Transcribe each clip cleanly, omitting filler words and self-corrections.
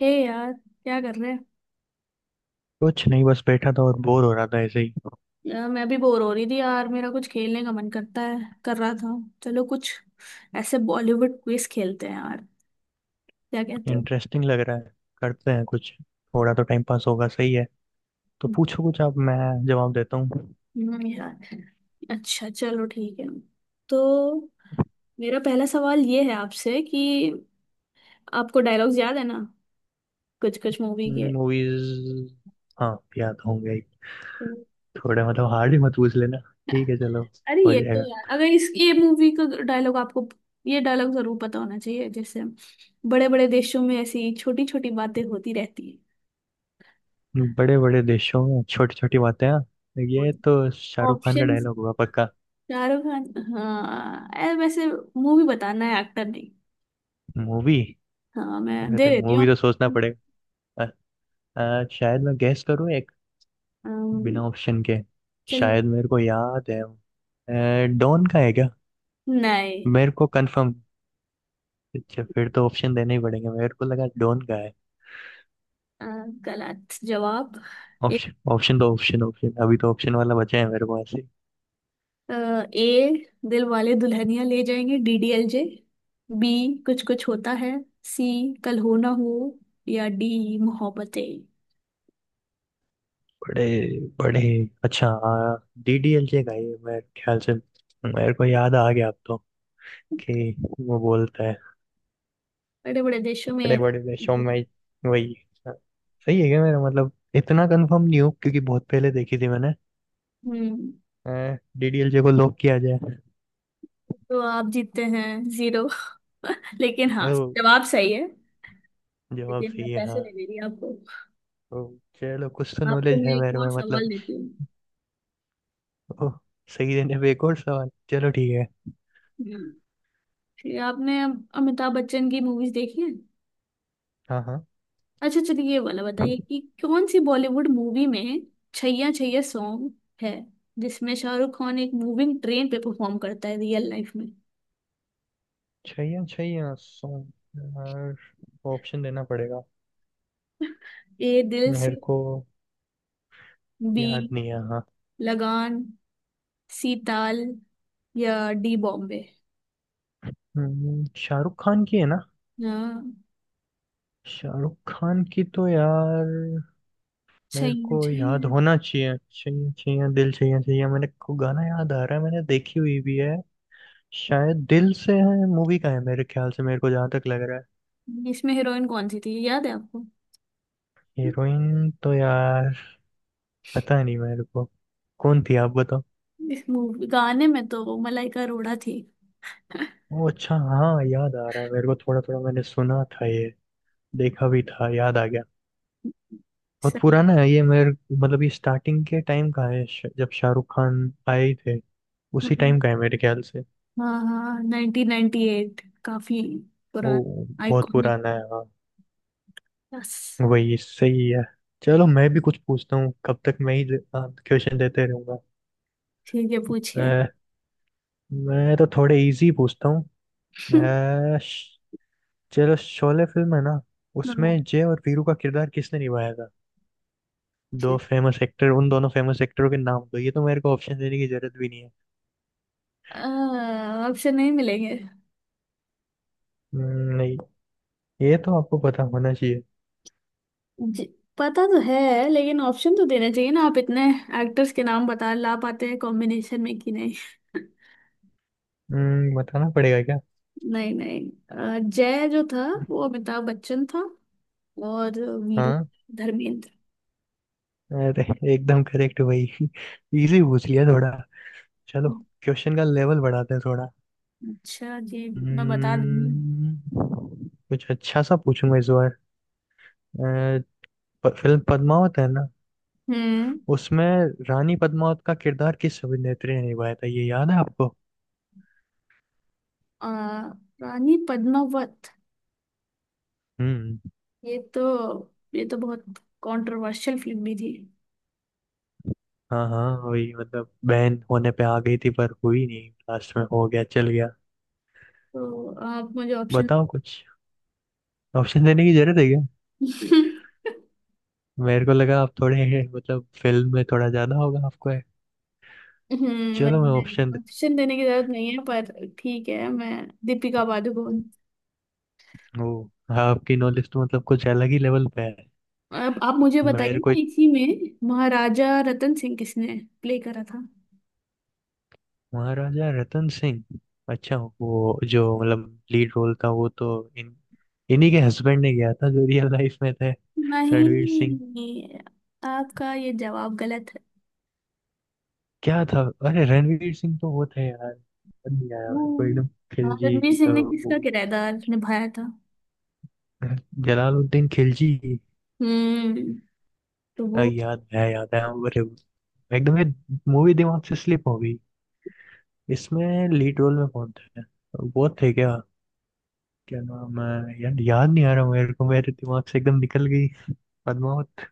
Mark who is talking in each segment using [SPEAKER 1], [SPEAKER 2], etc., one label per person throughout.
[SPEAKER 1] हे यार, क्या कर रहे हैं?
[SPEAKER 2] कुछ नहीं, बस बैठा था और बोर हो रहा था ऐसे ही।
[SPEAKER 1] यार मैं भी बोर हो रही थी यार। मेरा कुछ खेलने का मन करता है। कर रहा था। चलो कुछ ऐसे बॉलीवुड क्विज खेलते हैं यार। क्या कहते हो?
[SPEAKER 2] इंटरेस्टिंग लग रहा है। करते हैं कुछ, थोड़ा तो टाइम पास होगा, सही है। तो पूछो कुछ आप, मैं जवाब देता हूँ।
[SPEAKER 1] यार, अच्छा चलो ठीक है। तो मेरा पहला सवाल ये है आपसे कि आपको डायलॉग्स याद है ना, कुछ कुछ मूवी के।
[SPEAKER 2] मूवीज हाँ, याद होंगे ही। थोड़ा मतलब हार्ड ही मत पूछ लेना। ठीक है, चलो।
[SPEAKER 1] अरे
[SPEAKER 2] हो
[SPEAKER 1] ये तो
[SPEAKER 2] जाएगा।
[SPEAKER 1] यार, अगर इस ये मूवी का डायलॉग आपको, ये डायलॉग जरूर पता होना चाहिए। जैसे बड़े बड़े देशों में ऐसी छोटी छोटी बातें होती रहती।
[SPEAKER 2] बड़े बड़े देशों में छोटी छोटी बातें, हाँ। ये तो शाहरुख खान का
[SPEAKER 1] ऑप्शंस।
[SPEAKER 2] डायलॉग हुआ पक्का।
[SPEAKER 1] शाहरुख खान। हाँ ऐ वैसे, मूवी बताना है एक्टर नहीं।
[SPEAKER 2] मूवी?
[SPEAKER 1] हाँ मैं दे
[SPEAKER 2] अरे
[SPEAKER 1] देती हूँ।
[SPEAKER 2] मूवी तो सोचना पड़ेगा। अ, शायद मैं गैस करूँ एक,
[SPEAKER 1] अम्म,
[SPEAKER 2] बिना ऑप्शन के।
[SPEAKER 1] चलिए।
[SPEAKER 2] शायद मेरे को याद है, डॉन का है क्या?
[SPEAKER 1] नहीं।
[SPEAKER 2] मेरे को कंफर्म। अच्छा, फिर तो ऑप्शन देने ही पड़ेंगे, मेरे को लगा डोन का है।
[SPEAKER 1] अ, गलत जवाब। एक,
[SPEAKER 2] ऑप्शन ऑप्शन तो, ऑप्शन ऑप्शन अभी तो ऑप्शन वाला बचा है मेरे पास ही।
[SPEAKER 1] ए दिल वाले दुल्हनिया ले जाएंगे डीडीएलजे। बी, कुछ कुछ होता है। सी, कल हो ना हो। या डी, मोहब्बतें।
[SPEAKER 2] बड़े बड़े। अच्छा, डीडीएलजे का ये मेरे ख्याल से। मेरे को याद आ गया अब तो, कि वो बोलता है,
[SPEAKER 1] बड़े बड़े देशों
[SPEAKER 2] बड़े
[SPEAKER 1] में।
[SPEAKER 2] बड़े देशों में, वही। सही है क्या? मेरा मतलब इतना कंफर्म नहीं हूँ, क्योंकि बहुत पहले देखी थी मैंने।
[SPEAKER 1] हम्म।
[SPEAKER 2] डीडीएलजे को लॉक किया जाए।
[SPEAKER 1] तो आप जीतते हैं जीरो। लेकिन हाँ,
[SPEAKER 2] ओ,
[SPEAKER 1] जवाब सही है।
[SPEAKER 2] जवाब
[SPEAKER 1] लेकिन मैं
[SPEAKER 2] सही है
[SPEAKER 1] पैसे
[SPEAKER 2] हाँ।
[SPEAKER 1] नहीं दे रही आपको।
[SPEAKER 2] ओ, चलो कुछ तो
[SPEAKER 1] आपको
[SPEAKER 2] नॉलेज
[SPEAKER 1] मैं
[SPEAKER 2] है
[SPEAKER 1] एक
[SPEAKER 2] मेरे
[SPEAKER 1] और
[SPEAKER 2] में
[SPEAKER 1] सवाल
[SPEAKER 2] मतलब।
[SPEAKER 1] देती हूँ।
[SPEAKER 2] ओह, सही देने पे एक और सवाल, चलो ठीक है।
[SPEAKER 1] हम्म, कि आपने अमिताभ बच्चन की मूवीज देखी हैं।
[SPEAKER 2] हाँ हाँ।
[SPEAKER 1] अच्छा चलिए, ये वाला बताइए कि कौन सी बॉलीवुड मूवी में छैया छैया सॉन्ग है, जिसमें शाहरुख खान एक मूविंग ट्रेन पे परफॉर्म करता है रियल लाइफ में।
[SPEAKER 2] छैया छैया सॉन्ग, ऑप्शन देना पड़ेगा
[SPEAKER 1] ए, दिल से।
[SPEAKER 2] मेरे को।
[SPEAKER 1] बी,
[SPEAKER 2] याद नहीं है हाँ।
[SPEAKER 1] लगान। सी, ताल। या डी, बॉम्बे।
[SPEAKER 2] शाहरुख खान की है ना?
[SPEAKER 1] हाँ,
[SPEAKER 2] शाहरुख खान की तो यार मेरे
[SPEAKER 1] छैया
[SPEAKER 2] को याद
[SPEAKER 1] छैया।
[SPEAKER 2] होना चाहिए, चाहिए चाहिए, दिल चाहिए चाहिए, मेरे को गाना याद आ रहा है, मैंने देखी हुई भी है। शायद दिल से है मूवी का है मेरे ख्याल से, मेरे को जहाँ तक लग रहा है।
[SPEAKER 1] इसमें हीरोइन कौन सी थी, याद है आपको?
[SPEAKER 2] हीरोइन तो यार पता नहीं मेरे को, कौन थी आप बताओ।
[SPEAKER 1] इस मूवी गाने में तो मलाइका अरोड़ा थी।
[SPEAKER 2] ओ अच्छा, हाँ याद आ रहा है मेरे को थोड़ा थोड़ा, मैंने सुना था ये, देखा भी था, याद आ गया। बहुत
[SPEAKER 1] सही।
[SPEAKER 2] पुराना है ये मेरे मतलब, ये स्टार्टिंग के टाइम का है, जब शाहरुख खान आए थे उसी
[SPEAKER 1] हम्म,
[SPEAKER 2] टाइम का है मेरे ख्याल से।
[SPEAKER 1] हाँ हाँ, 1998, काफी
[SPEAKER 2] वो
[SPEAKER 1] पुराना,
[SPEAKER 2] बहुत
[SPEAKER 1] आइकॉनिक।
[SPEAKER 2] पुराना है हाँ।
[SPEAKER 1] बस।
[SPEAKER 2] वही सही है। चलो मैं भी कुछ पूछता हूँ, कब तक मैं ही क्वेश्चन देते रहूंगा।
[SPEAKER 1] ठीक है पूछिए।
[SPEAKER 2] अ, मैं तो थोड़े इजी पूछता हूँ। अ, श- चलो, शोले फिल्म है ना?
[SPEAKER 1] हाँ।
[SPEAKER 2] उसमें जय और वीरू का किरदार किसने निभाया था? दो
[SPEAKER 1] ठीक।
[SPEAKER 2] फेमस एक्टर, उन दोनों फेमस एक्टरों के नाम दो, ये तो मेरे को ऑप्शन देने की जरूरत भी नहीं है।
[SPEAKER 1] ऑप्शन नहीं मिलेंगे।
[SPEAKER 2] हम्म, नहीं, ये तो आपको पता होना चाहिए।
[SPEAKER 1] जी, पता तो है लेकिन ऑप्शन तो देना चाहिए ना, आप इतने एक्टर्स के नाम बता ला पाते हैं कॉम्बिनेशन में कि नहीं।
[SPEAKER 2] बताना पड़ेगा क्या?
[SPEAKER 1] नहीं नहीं, जय जो था वो अमिताभ बच्चन था, और वीरू
[SPEAKER 2] हाँ।
[SPEAKER 1] धर्मेंद्र।
[SPEAKER 2] अरे एकदम करेक्ट भाई इजी पूछ लिया थोड़ा। चलो,
[SPEAKER 1] हम्म,
[SPEAKER 2] क्वेश्चन का लेवल बढ़ाते हैं थोड़ा।
[SPEAKER 1] अच्छा जी। मैं बता दूंगी।
[SPEAKER 2] कुछ अच्छा सा पूछूंगा इस बार। अ, फिल्म पद्मावत है ना?
[SPEAKER 1] हम्म।
[SPEAKER 2] उसमें रानी पद्मावत का किरदार किस अभिनेत्री ने निभाया था, ये याद है आपको?
[SPEAKER 1] आ, रानी पद्मावत।
[SPEAKER 2] हम्म।
[SPEAKER 1] ये तो ये तो बहुत कंट्रोवर्शियल फिल्म भी थी।
[SPEAKER 2] हाँ हाँ वही, मतलब बहन होने पे आ गई थी पर हुई नहीं, लास्ट में हो गया, चल गया।
[SPEAKER 1] तो आप मुझे ऑप्शन।
[SPEAKER 2] बताओ कुछ। ऑप्शन देने की जरूरत है क्या? मेरे को लगा आप थोड़े मतलब फिल्म में थोड़ा ज्यादा होगा आपको है। चलो मैं ऑप्शन
[SPEAKER 1] नहीं,
[SPEAKER 2] दे।
[SPEAKER 1] ऑप्शन देने की जरूरत नहीं है पर ठीक है मैं। दीपिका पादुकोण।
[SPEAKER 2] ओ, आपकी नॉलेज तो मतलब कुछ अलग ही लेवल पे है।
[SPEAKER 1] अब आप मुझे बताइए
[SPEAKER 2] मेरे को,
[SPEAKER 1] ना, इसी में महाराजा रतन सिंह किसने प्ले करा था?
[SPEAKER 2] महाराजा रतन सिंह। अच्छा वो, जो मतलब लीड रोल था, वो तो इन इन्हीं के हस्बैंड ने किया था जो रियल लाइफ में थे। रणवीर सिंह।
[SPEAKER 1] नहीं, आपका ये जवाब गलत है।
[SPEAKER 2] क्या था? अरे रणवीर सिंह तो वो थे यार, याद नहीं आया
[SPEAKER 1] वो।
[SPEAKER 2] मेरे को एकदम।
[SPEAKER 1] हाँ,
[SPEAKER 2] खिलजी।
[SPEAKER 1] रणवीर सिंह ने
[SPEAKER 2] वो
[SPEAKER 1] किसका किरदार निभाया था?
[SPEAKER 2] जलालुद्दीन खिलजी।
[SPEAKER 1] हम्म। तो वो
[SPEAKER 2] याद है याद है। अरे एकदम ये मूवी दिमाग से स्लिप हो गई। इसमें लीड रोल में कौन था, वो थे क्या? क्या नाम है यार, याद नहीं आ रहा मेरे को, मेरे दिमाग से एकदम निकल गई, पद्मावत।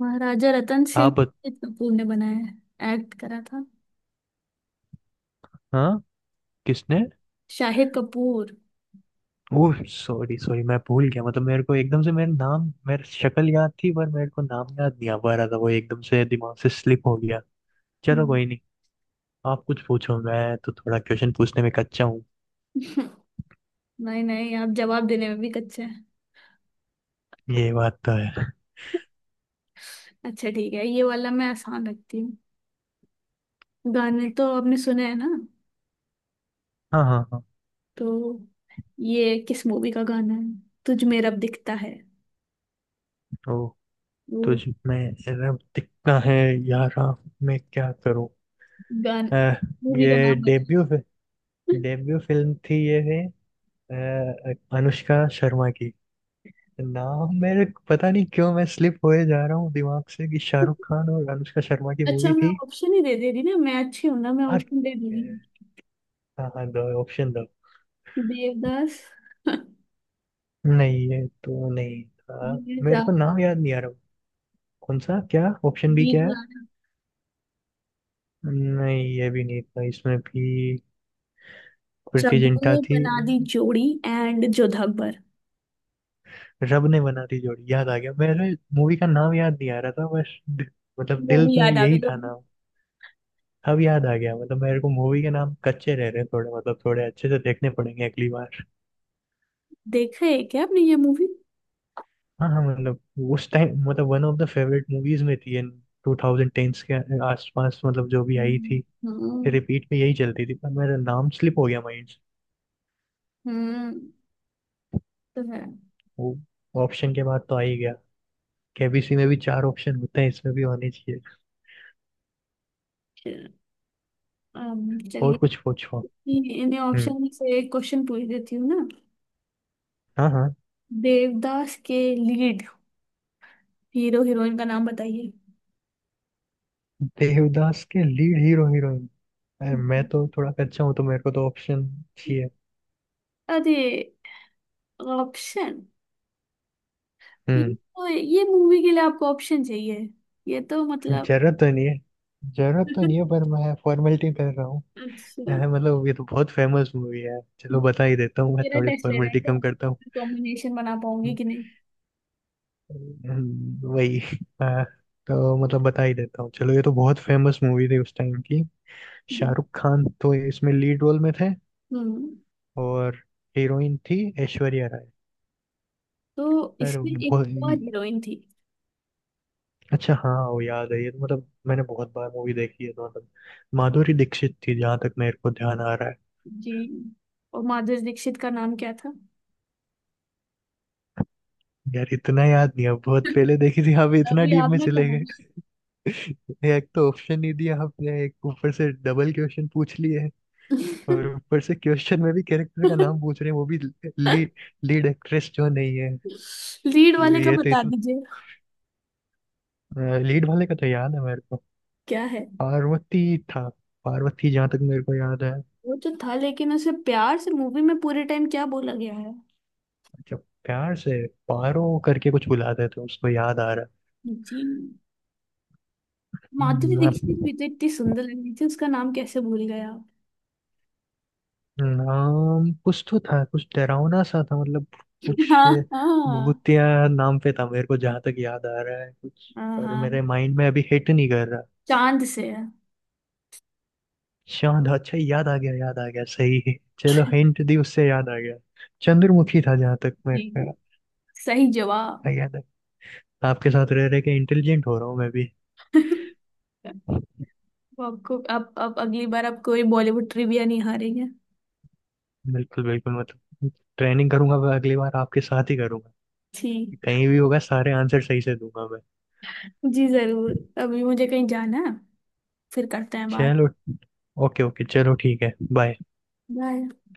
[SPEAKER 1] महाराजा रतन सिंह
[SPEAKER 2] आप
[SPEAKER 1] शाहिद कपूर ने बनाया है, एक्ट करा था।
[SPEAKER 2] हाँ, किसने?
[SPEAKER 1] Shahid Kapoor.
[SPEAKER 2] Oh sorry sorry, मैं भूल गया मतलब, मेरे को एकदम से, मेरा नाम, मेरा शक्ल याद थी पर मेरे को नाम याद नहीं आ पा रहा था, वो एकदम से दिमाग से स्लिप हो गया। चलो,
[SPEAKER 1] हम्म।
[SPEAKER 2] कोई नहीं। आप कुछ पूछो, मैं तो थोड़ा क्वेश्चन पूछने में कच्चा हूँ।
[SPEAKER 1] नहीं नहीं, आप जवाब देने में भी कच्चे हैं।
[SPEAKER 2] ये बात तो है।
[SPEAKER 1] अच्छा ठीक है, ये वाला मैं आसान रखती हूँ। गाने तो आपने सुने हैं ना?
[SPEAKER 2] हाँ हाँ हाँ।
[SPEAKER 1] तो ये किस मूवी का गाना है? तुझ में रब दिखता है
[SPEAKER 2] ओ,
[SPEAKER 1] वो।
[SPEAKER 2] तुझ में रब दिखता है, यारा मैं क्या करूँ।
[SPEAKER 1] गान।
[SPEAKER 2] अह,
[SPEAKER 1] मूवी का
[SPEAKER 2] ये
[SPEAKER 1] नाम बता।
[SPEAKER 2] डेब्यू डेब्यू फिल्म थी ये है, अनुष्का शर्मा की। नाम मेरे को पता नहीं क्यों मैं स्लिप होए जा रहा हूँ दिमाग से, कि शाहरुख खान और अनुष्का शर्मा की
[SPEAKER 1] अच्छा
[SPEAKER 2] मूवी
[SPEAKER 1] मैं
[SPEAKER 2] थी।
[SPEAKER 1] ऑप्शन ही दे दे रही ना, मैं अच्छी हूं ना, मैं
[SPEAKER 2] हाँ।
[SPEAKER 1] ऑप्शन दे दे रही हूँ।
[SPEAKER 2] हाँ हाँ, दो ऑप्शन दो।
[SPEAKER 1] देवदास।
[SPEAKER 2] नहीं ये तो नहीं था।
[SPEAKER 1] वीर जा।
[SPEAKER 2] मेरे को नाम याद नहीं आ रहा। कौन सा, क्या ऑप्शन भी
[SPEAKER 1] वीर।
[SPEAKER 2] क्या है? नहीं ये भी नहीं था, इसमें भी प्रीति जिंटा
[SPEAKER 1] चबू
[SPEAKER 2] थी।
[SPEAKER 1] बना दी जोड़ी एंड जोधा अकबर।
[SPEAKER 2] रब ने बना दी जोड़ी, याद आ गया मेरे, मूवी का नाम याद नहीं आ रहा था बस, मतलब दिल
[SPEAKER 1] मूवी
[SPEAKER 2] में
[SPEAKER 1] याद आ गई
[SPEAKER 2] यही
[SPEAKER 1] लोग।
[SPEAKER 2] था नाम। अब याद आ गया, मतलब मेरे को मूवी के नाम कच्चे रह रहे हैं थोड़े, मतलब थोड़े अच्छे से देखने पड़ेंगे अगली बार।
[SPEAKER 1] देखा है क्या आपने ये मूवी?
[SPEAKER 2] हाँ हाँ मतलब, उस टाइम मतलब one of the favourite movies में थी, इन टू थाउजेंड टेंस के आसपास मतलब जो भी आई थी,
[SPEAKER 1] हम्म।
[SPEAKER 2] रिपीट में यही चलती थी, पर मेरा नाम स्लिप हो गया माइंड से।
[SPEAKER 1] हम्म, तो है।
[SPEAKER 2] वो ऑप्शन के बाद तो आ ही गया। केबीसी में भी चार ऑप्शन होते हैं, इसमें भी होने चाहिए। और कुछ पूछो।
[SPEAKER 1] चलिए, इन्हें
[SPEAKER 2] हम्म।
[SPEAKER 1] ऑप्शन में से एक क्वेश्चन पूछ देती हूँ ना।
[SPEAKER 2] हाँ हाँ।
[SPEAKER 1] देवदास के लीड हीरो हीरोइन का नाम बताइए।
[SPEAKER 2] देवदास के लीड हीरो हीरोइन? अरे मैं
[SPEAKER 1] हम्म।
[SPEAKER 2] तो थोड़ा कच्चा हूँ, तो मेरे को तो ऑप्शन चाहिए।
[SPEAKER 1] अरे, ऑप्शन? ये
[SPEAKER 2] हम्म।
[SPEAKER 1] तो, ये मूवी के लिए आपको ऑप्शन चाहिए? ये तो मतलब।
[SPEAKER 2] जरूरत तो नहीं है। जरूरत तो नहीं है, पर मैं फॉर्मेलिटी कर रहा
[SPEAKER 1] अच्छा,
[SPEAKER 2] है मतलब, ये तो बहुत फेमस मूवी है, चलो बता ही देता हूँ, मैं
[SPEAKER 1] मेरा
[SPEAKER 2] थोड़ी
[SPEAKER 1] टेस्ट ले रहे हैं
[SPEAKER 2] फॉर्मेलिटी कम करता हूँ।
[SPEAKER 1] क्या, कॉम्बिनेशन बना पाऊंगी कि नहीं?
[SPEAKER 2] वही। हाँ, तो मतलब बता ही देता हूँ, चलो, ये तो बहुत फेमस मूवी थी उस टाइम की।
[SPEAKER 1] हम्म।
[SPEAKER 2] शाहरुख खान तो इसमें लीड रोल में थे,
[SPEAKER 1] हम्म,
[SPEAKER 2] और हीरोइन थी ऐश्वर्या राय।
[SPEAKER 1] तो
[SPEAKER 2] अरे
[SPEAKER 1] इसमें एक
[SPEAKER 2] बहुत
[SPEAKER 1] और हीरोइन थी।
[SPEAKER 2] अच्छा हाँ वो याद है, ये तो मतलब मैंने बहुत बार मूवी देखी है तो मतलब, माधुरी दीक्षित थी जहां तक मेरे को ध्यान आ रहा है।
[SPEAKER 1] जी। और माधुरी दीक्षित का नाम क्या था?
[SPEAKER 2] यार इतना याद नहीं है, बहुत पहले देखी थी, आप इतना
[SPEAKER 1] अभी
[SPEAKER 2] डीप में
[SPEAKER 1] आपने
[SPEAKER 2] चले।
[SPEAKER 1] कहा।
[SPEAKER 2] एक तो ऑप्शन नहीं दिया आपने, एक ऊपर से डबल क्वेश्चन पूछ लिए है, और ऊपर से क्वेश्चन में भी कैरेक्टर का नाम पूछ रहे हैं, वो भी लीड, लीड एक्ट्रेस जो नहीं है।
[SPEAKER 1] लीड वाले
[SPEAKER 2] ये
[SPEAKER 1] का
[SPEAKER 2] ये तो
[SPEAKER 1] बता
[SPEAKER 2] इतना,
[SPEAKER 1] दीजिए।
[SPEAKER 2] लीड वाले का तो याद है मेरे को।
[SPEAKER 1] क्या है?
[SPEAKER 2] पार्वती था। पार्वती, जहाँ तक मेरे को याद है।
[SPEAKER 1] वो तो था, लेकिन उसे प्यार से मूवी में पूरे टाइम क्या बोला गया है?
[SPEAKER 2] अच्छा, प्यार से पारो करके कुछ बुलाते थे उसको, याद आ रहा है।
[SPEAKER 1] जी। माधुरी दीक्षित
[SPEAKER 2] हाँ,
[SPEAKER 1] भी तो इतनी सुंदर लग रही थी, उसका नाम कैसे भूल गया आप?
[SPEAKER 2] नाम कुछ तो था, कुछ डरावना सा था मतलब, कुछ
[SPEAKER 1] हाँ हाँ।
[SPEAKER 2] भूतिया नाम पे था मेरे को जहां तक याद आ रहा है कुछ,
[SPEAKER 1] हाँ
[SPEAKER 2] पर
[SPEAKER 1] हाँ।
[SPEAKER 2] मेरे माइंड में अभी हिट नहीं कर रहा।
[SPEAKER 1] चांद से है।
[SPEAKER 2] शांत, अच्छा याद आ गया, याद आ गया, सही है। चलो, हिंट दी उससे याद आ गया। चंद्रमुखी था जहां तक मेरे
[SPEAKER 1] जी जी,
[SPEAKER 2] को
[SPEAKER 1] सही जवाब।
[SPEAKER 2] याद है। आपके साथ रह रह के इंटेलिजेंट हो रहा हूँ मैं भी।
[SPEAKER 1] वो आपको अब अगली बार आप कोई बॉलीवुड ट्रिविया नहीं हारेंगे।
[SPEAKER 2] बिल्कुल बिल्कुल मतलब, ट्रेनिंग करूंगा, मैं अगली बार आपके साथ ही करूंगा।
[SPEAKER 1] ठीक।
[SPEAKER 2] कहीं भी होगा, सारे आंसर सही से दूंगा मैं।
[SPEAKER 1] जी जरूर। अभी मुझे कहीं जाना है। फिर करते हैं बात।
[SPEAKER 2] चलो, ओके ओके, चलो ठीक है, बाय।
[SPEAKER 1] बाय।